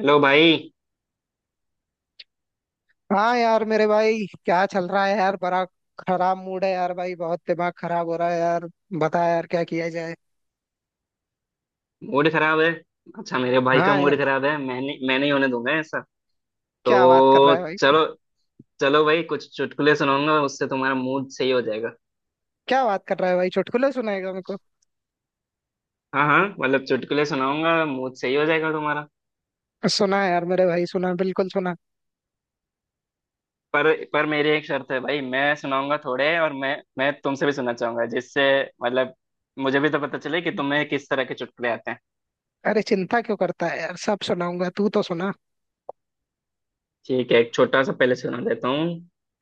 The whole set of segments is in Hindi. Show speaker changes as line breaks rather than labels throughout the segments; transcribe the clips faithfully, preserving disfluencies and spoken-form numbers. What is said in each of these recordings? हेलो भाई।
हाँ यार, मेरे भाई क्या चल रहा है यार। बड़ा खराब मूड है यार भाई, बहुत दिमाग खराब हो रहा है यार। बता यार क्या किया जाए।
मूड खराब है। अच्छा, मेरे भाई का
हाँ
मूड
यार।
खराब है। मैंने मैं नहीं होने दूंगा ऐसा।
क्या बात कर
तो
रहा है भाई।
चलो, चलो भाई, कुछ चुटकुले सुनाऊंगा उससे तुम्हारा मूड सही हो जाएगा।
क्या बात कर रहा है भाई, चुटकुले सुनाएगा मेरे को।
हाँ हाँ, मतलब चुटकुले सुनाऊंगा, मूड सही हो जाएगा तुम्हारा।
सुना यार मेरे भाई, सुना बिल्कुल सुना।
पर पर मेरी एक शर्त है भाई, मैं सुनाऊंगा थोड़े और मैं मैं तुमसे भी सुनना चाहूंगा, जिससे मतलब मुझे भी तो पता चले कि तुम्हें किस तरह के चुटकुले आते हैं।
अरे चिंता क्यों करता है यार, सब सुनाऊंगा तू तो सुना।
ठीक है, एक छोटा सा पहले सुना देता हूँ।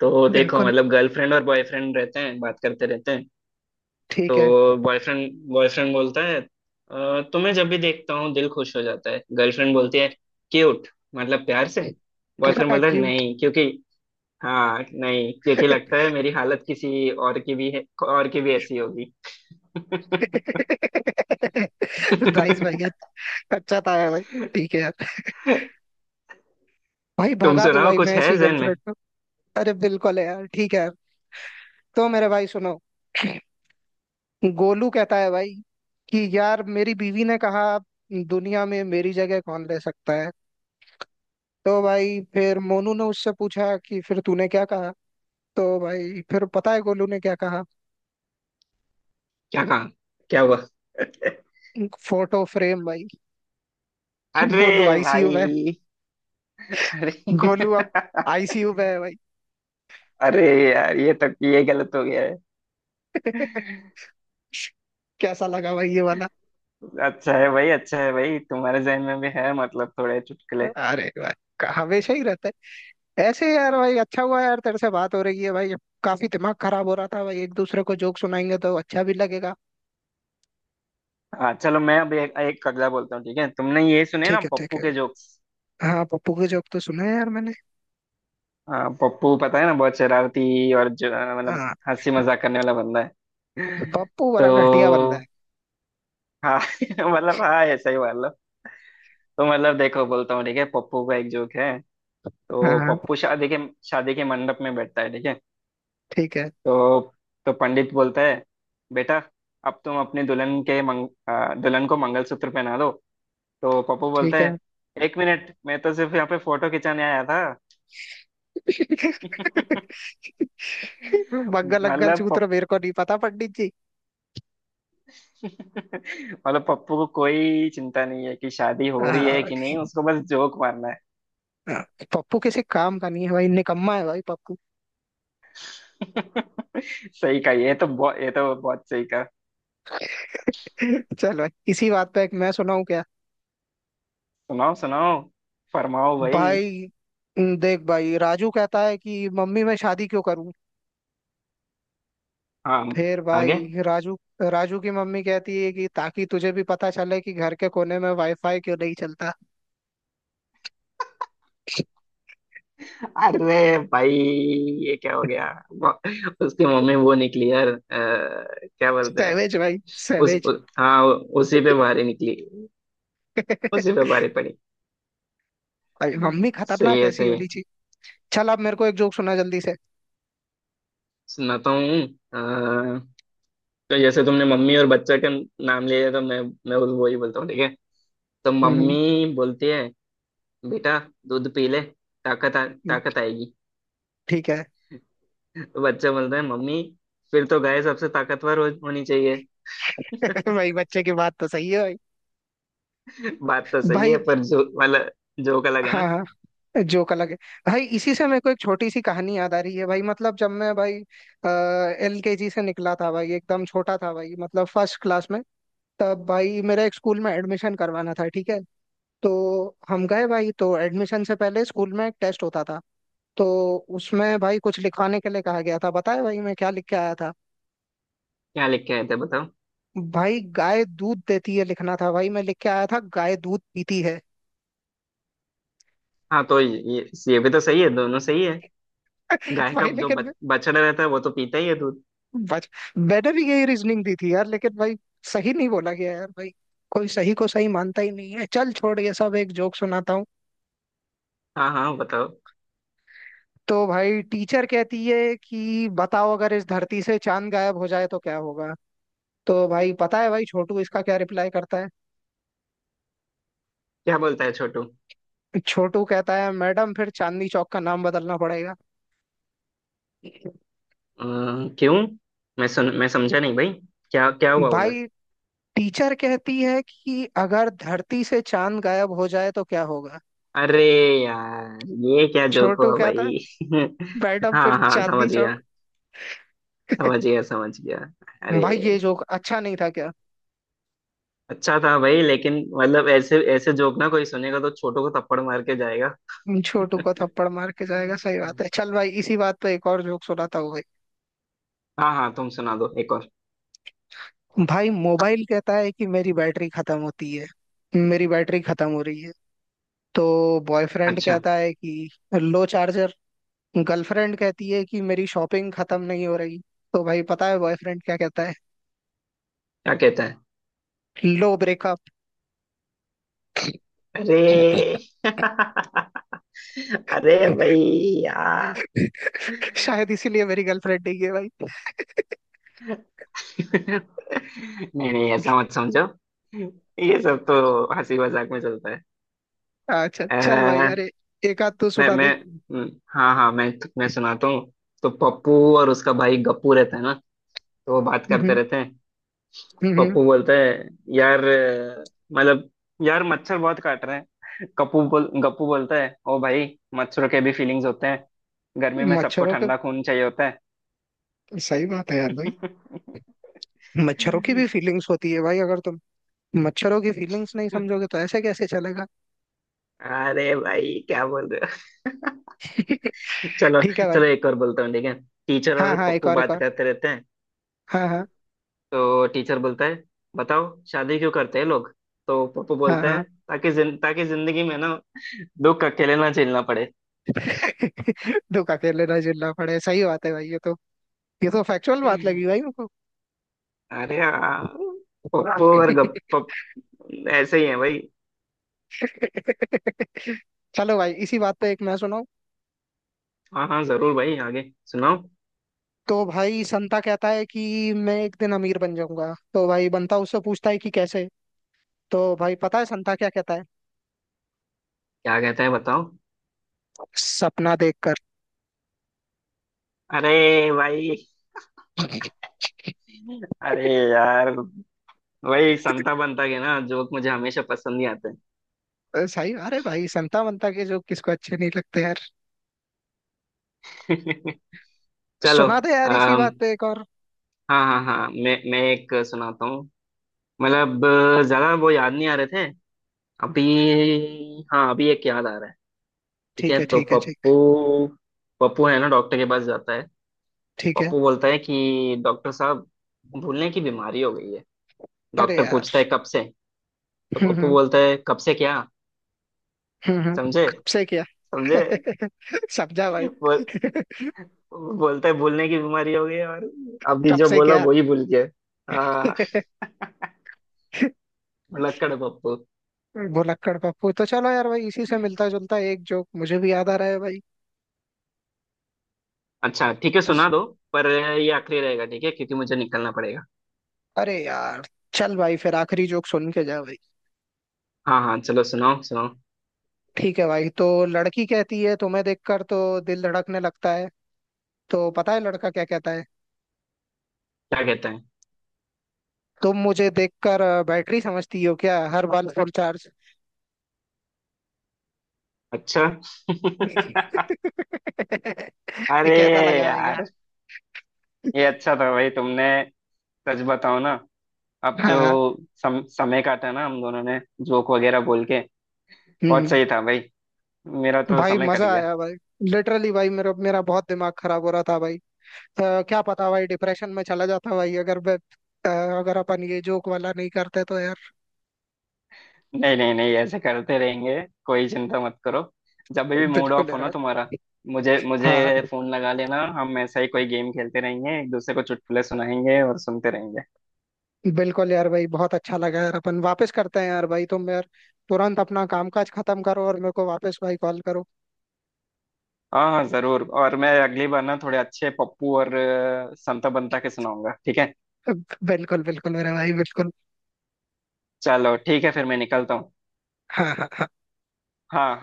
तो देखो,
बिल्कुल।
मतलब गर्लफ्रेंड और बॉयफ्रेंड रहते हैं, बात करते रहते हैं।
ठीक है।
तो बॉयफ्रेंड बॉयफ्रेंड बोलता है "अ, तुम्हें जब भी देखता हूँ दिल खुश हो जाता है। गर्लफ्रेंड बोलती है क्यूट, मतलब प्यार से। बॉयफ्रेंड बोलता है
क्यूट।
नहीं क्योंकि, हाँ नहीं क्योंकि लगता है मेरी हालत किसी और की भी है, और की भी ऐसी होगी।
नाइस भाई। अच्छा था यार भाई, ठीक है यार। भाई
तुम
भगा दूं
सुनाओ,
भाई
कुछ
मैं
है
ऐसी
जहन
गर्लफ्रेंड
में।
को। अरे बिल्कुल है यार, ठीक है यार। तो मेरे भाई सुनो। गोलू कहता है भाई कि यार मेरी बीवी ने कहा दुनिया में मेरी जगह कौन ले सकता है। तो भाई फिर मोनू ने उससे पूछा कि फिर तूने क्या कहा। तो भाई फिर पता है गोलू ने क्या कहा।
क्या कहा? क्या हुआ?
फोटो फ्रेम भाई। गोलू
अरे
आई सी यू में है।
भाई! अरे
गोलू अब आई सी यू में है भाई।
अरे यार, ये तो ये गलत हो गया है।
कैसा लगा भाई ये वाला।
अच्छा है भाई, अच्छा है भाई, तुम्हारे जहन में भी है मतलब थोड़े चुटकुले।
अरे भाई। क- हमेशा ही रहता है ऐसे यार भाई। अच्छा हुआ यार तेरे से बात हो रही है भाई। काफी दिमाग खराब हो रहा था भाई, एक दूसरे को जोक सुनाएंगे तो अच्छा भी लगेगा।
हाँ चलो, मैं अब एक, एक कगला बोलता हूँ ठीक है। तुमने ये सुने ना
ठीक है ठीक
पप्पू
है।
के जोक्स?
हाँ पप्पू की जॉब तो सुना है यार मैंने।
हाँ, पप्पू पता है ना, बहुत शरारती और जो, आ, मतलब
हाँ।
हंसी मजाक करने वाला बंदा है।
पप्पू बड़ा घटिया बंदा है।
तो हाँ मतलब हाँ ऐसा ही मान लो। तो मतलब देखो बोलता हूँ ठीक है, पप्पू का एक जोक है। तो
हाँ।
पप्पू शादी के, शादी के मंडप में बैठता है ठीक है।
ठीक है
तो तो पंडित बोलता है, बेटा अब तुम अपने दुल्हन के मंग, आ, दुल्हन को मंगलसूत्र पहना दो। तो पप्पू बोलता
ठीक
है,
है।
एक मिनट मैं तो सिर्फ यहाँ पे फोटो खिंचाने आया था।
मंगल अग्गल
मतलब
सूत्र
पप...
मेरे को नहीं पता पंडित जी।
मतलब पप्पू को कोई चिंता नहीं है कि शादी हो रही
हाँ।
है कि नहीं, उसको बस जोक मारना है।
हाँ, पप्पू किसी काम का नहीं है भाई, निकम्मा है भाई पप्पू।
सही कहा, ये तो बहुत, ये तो बहुत सही कहा।
चल भाई इसी बात पे एक मैं सुनाऊं क्या।
सुनाओ सुनाओ, फरमाओ भाई।
भाई देख भाई राजू कहता है कि मम्मी मैं शादी क्यों करूं।
हाँ,
फिर
आगे।
भाई राजू, राजू की मम्मी कहती है कि ताकि तुझे भी पता चले कि घर के कोने में वाईफाई क्यों नहीं चलता।
अरे भाई, ये क्या हो गया। वो- उसकी मम्मी वो निकली यार, अ, क्या बोलते हैं।
सैवेज भाई।
उस
सैवेज।
उ, हाँ, उसी पे भारी निकली, उसी पे भारी पड़ी।
भाई मम्मी
सही
खतरनाक
है,
ऐसी
सही
होनी
है।
चाहिए। चल अब मेरे को एक जोक सुना जल्दी से।
सुनाता हूँ। तो जैसे तुमने मम्मी और बच्चा का नाम लिया है, तो मैं मैं उस वही बोलता हूँ ठीक है। तो
हम्म।
मम्मी बोलती है बेटा, दूध पी ले ताकत आ, ताकत आएगी।
ठीक है।
तो बच्चा बोलता है, मम्मी फिर तो गाय सबसे ताकतवर हो, होनी चाहिए।
भाई बच्चे की बात तो सही है भाई।
बात तो सही है,
भाई।
पर जो वाला जोक अलग है
हाँ
ना।
हाँ। जोक अलग है। भाई इसी से मेरे को एक छोटी सी कहानी याद आ रही है भाई, मतलब जब मैं भाई एल के जी से निकला था भाई, एकदम छोटा था भाई, मतलब फर्स्ट क्लास में। तब भाई मेरा एक स्कूल में एडमिशन करवाना था, ठीक है। तो हम गए भाई, तो एडमिशन से पहले स्कूल में एक टेस्ट होता था। तो उसमें भाई कुछ लिखवाने के लिए कहा गया था, बताए भाई मैं क्या लिख के आया था।
क्या लिख के आए थे बताओ?
भाई गाय दूध देती है लिखना था, भाई मैं लिख के आया था गाय दूध पीती है।
हाँ तो ये ये भी तो सही है, दोनों सही है। गाय का
भाई
जो
लेकिन
बच,
मैं-
बछड़ा रहता है वो तो पीता ही है दूध।
बच मैंने भी यही रीजनिंग दी थी यार, लेकिन भाई सही नहीं बोला गया यार भाई। कोई सही को सही मानता ही नहीं है। चल छोड़ ये सब, एक जोक सुनाता हूँ।
हाँ हाँ बताओ।
तो भाई टीचर कहती है कि बताओ अगर इस धरती से चांद गायब हो जाए तो क्या होगा। तो भाई पता है भाई छोटू इसका क्या रिप्लाई करता है।
क्या बोलता है छोटू? अ,
छोटू कहता है मैडम फिर चांदनी चौक का नाम बदलना पड़ेगा।
क्यों? मैं सुन मैं समझा नहीं भाई, क्या, क्या हुआ उधर?
भाई टीचर कहती है कि अगर धरती से चांद गायब हो जाए तो क्या होगा।
अरे यार, ये क्या जोक
छोटू
हुआ
कहता है
भाई।
मैडम फिर
हाँ हाँ
चांदनी
समझ गया,
चौक।
समझ गया, समझ गया। अरे!
भाई ये जोक अच्छा नहीं था क्या।
अच्छा था भाई, लेकिन मतलब ऐसे ऐसे जोक ना कोई सुनेगा तो छोटों को थप्पड़ मार के जाएगा।
छोटू को थप्पड़ मार के जाएगा सही बात है। चल भाई इसी बात पे एक और जोक सुनाता हूँ भाई।
हाँ हाँ, तुम सुना दो एक और।
भाई मोबाइल कहता है कि मेरी बैटरी खत्म होती है, मेरी बैटरी खत्म हो रही है। तो बॉयफ्रेंड
अच्छा,
कहता है कि लो चार्जर। गर्लफ्रेंड कहती है कि मेरी शॉपिंग खत्म नहीं हो रही। तो भाई पता है बॉयफ्रेंड क्या कहता है।
क्या कहता है?
लो ब्रेकअप।
अरे अरे भाई, यार!
शायद इसीलिए मेरी गर्लफ्रेंड नहीं है भाई।
नहीं नहीं, ऐसा मत समझो, ये सब तो हंसी मजाक में चलता
अच्छा चल भाई।
है।
अरे एक आध तू
मैं
सुना
मैं
दे।
हम्म, हाँ हाँ, मैं मैं सुनाता हूँ। तो पप्पू और उसका भाई गप्पू रहता है ना, तो वो बात करते
हम्म,
रहते हैं।
हम्म,
पप्पू बोलता है, यार अ, मतलब यार मच्छर बहुत काट रहे हैं। कप्पू बोल गप्पू बोलता है, ओ भाई, मच्छरों के भी फीलिंग्स होते हैं, गर्मी में सबको
मच्छरों का
ठंडा खून चाहिए होता है।
सही बात है यार भाई। मच्छरों की भी फीलिंग्स होती है भाई, अगर तुम मच्छरों की फीलिंग्स नहीं समझोगे तो ऐसे कैसे चलेगा।
अरे भाई क्या बोल रहे हो। चलो
ठीक है
चलो,
भाई।
एक और बोलता हूँ ठीक है। टीचर
हाँ
और
हाँ एक
पप्पू
और एक
बात
और।
करते रहते हैं।
हाँ हाँ।
तो टीचर बोलता है, बताओ शादी क्यों करते हैं लोग। तो पप्पू
हाँ
बोलता है,
हाँ।
ताकि जिन, ताकि जिंदगी में ना दुख अकेले ना झेलना पड़े।
दुख अकेले ना झेलना पड़े सही बात है भाई, ये तो ये तो फैक्चुअल बात लगी भाई मुझको।
अरे यार, पप्पू और गप ऐसे ही है भाई।
चलो भाई इसी बात पे एक मैं सुनाऊं।
हाँ हाँ जरूर भाई, आगे सुनाओ।
तो भाई संता कहता है कि मैं एक दिन अमीर बन जाऊंगा। तो भाई बंता उससे पूछता है कि कैसे। तो भाई पता है संता क्या कहता है।
क्या कहते हैं बताओ?
सपना देखकर।
अरे भाई, अरे यार, वही संता बनता के ना जोक मुझे हमेशा पसंद ही आते
अ, सही। अरे भाई संता बंता के जो किसको अच्छे नहीं लगते यार।
हैं। चलो,
सुना दे यार इसी
अम,
बात पे एक और।
हाँ हाँ हाँ, मैं मैं एक सुनाता हूँ, मतलब अ, ज्यादा वो याद नहीं आ रहे थे अभी। हाँ, अभी एक याद आ रहा है। ठीक
ठीक
है,
है
तो
ठीक है ठीक।
पप्पू, पप्पू है ना डॉक्टर के पास जाता है।
ठीक है।
पप्पू बोलता है कि डॉक्टर साहब, भूलने की बीमारी हो गई है।
अरे
डॉक्टर
यार।
पूछता है कब से। तो
हम्म
पप्पू
हम्म।
बोलता है, कब से क्या?
हम्म हम्म,
समझे?
कब से क्या।
समझे?
समझा भाई।
बोल। बोलता है भूलने की बीमारी हो गई है, और अभी
कब
जो
से
बोला
क्या।
वही भूल गया। हाँ, लक्कड़ है पप्पू।
भुलक्कड़ पप्पू। तो चलो यार भाई इसी से मिलता जुलता एक जोक मुझे भी याद आ रहा है भाई।
अच्छा ठीक है, सुना दो, पर ये आखिरी रहेगा ठीक है क्योंकि मुझे निकलना पड़ेगा।
अरे यार। चल भाई फिर आखिरी जोक सुन के जा भाई।
हाँ हाँ चलो, सुनाओ सुनाओ।
ठीक है भाई। तो लड़की कहती है तुम्हें देखकर तो दिल धड़कने लगता है। तो पता है लड़का क्या कहता है।
क्या कहते हैं?
तुम मुझे देखकर अ, बैटरी समझती हो क्या, हर बार फुल चार्ज।
अच्छा अरे
कैसा लगा भाई यार।
यार, ये अच्छा था भाई तुमने। सच बताओ ना, अब जो
हाँ।
सम, समय काटा ना हम दोनों ने जोक वगैरह बोल के, बहुत
हम्म।
सही था भाई, मेरा तो
भाई
समय कट
मजा
गया।
आया भाई। लिटरली भाई मेरा मेरा बहुत दिमाग खराब हो रहा था भाई। अ, क्या पता भाई डिप्रेशन में चला जाता भाई अगर मैं अ, अगर अपन ये जोक वाला नहीं करते तो यार।
नहीं नहीं नहीं, ऐसे करते रहेंगे, कोई चिंता मत करो। जब भी मूड
बिल्कुल
ऑफ हो ना
यार।
तुम्हारा, मुझे
हाँ।
मुझे फोन लगा लेना, हम ऐसा ही कोई गेम खेलते रहेंगे, एक दूसरे को चुटकुले सुनाएंगे और सुनते रहेंगे।
बिल्कुल यार भाई बहुत अच्छा लगा यार, अपन वापस करते हैं यार भाई, तुम यार तुरंत अपना कामकाज खत्म करो और मेरे को वापस भाई कॉल करो।
हाँ हाँ जरूर, और मैं अगली बार ना थोड़े अच्छे पप्पू और अ, संता बंता के सुनाऊंगा ठीक है।
बिल्कुल बिल्कुल मेरे भाई बिल्कुल।
चलो ठीक है, फिर मैं निकलता हूँ।
हाँ हाँ हाँ।
हाँ।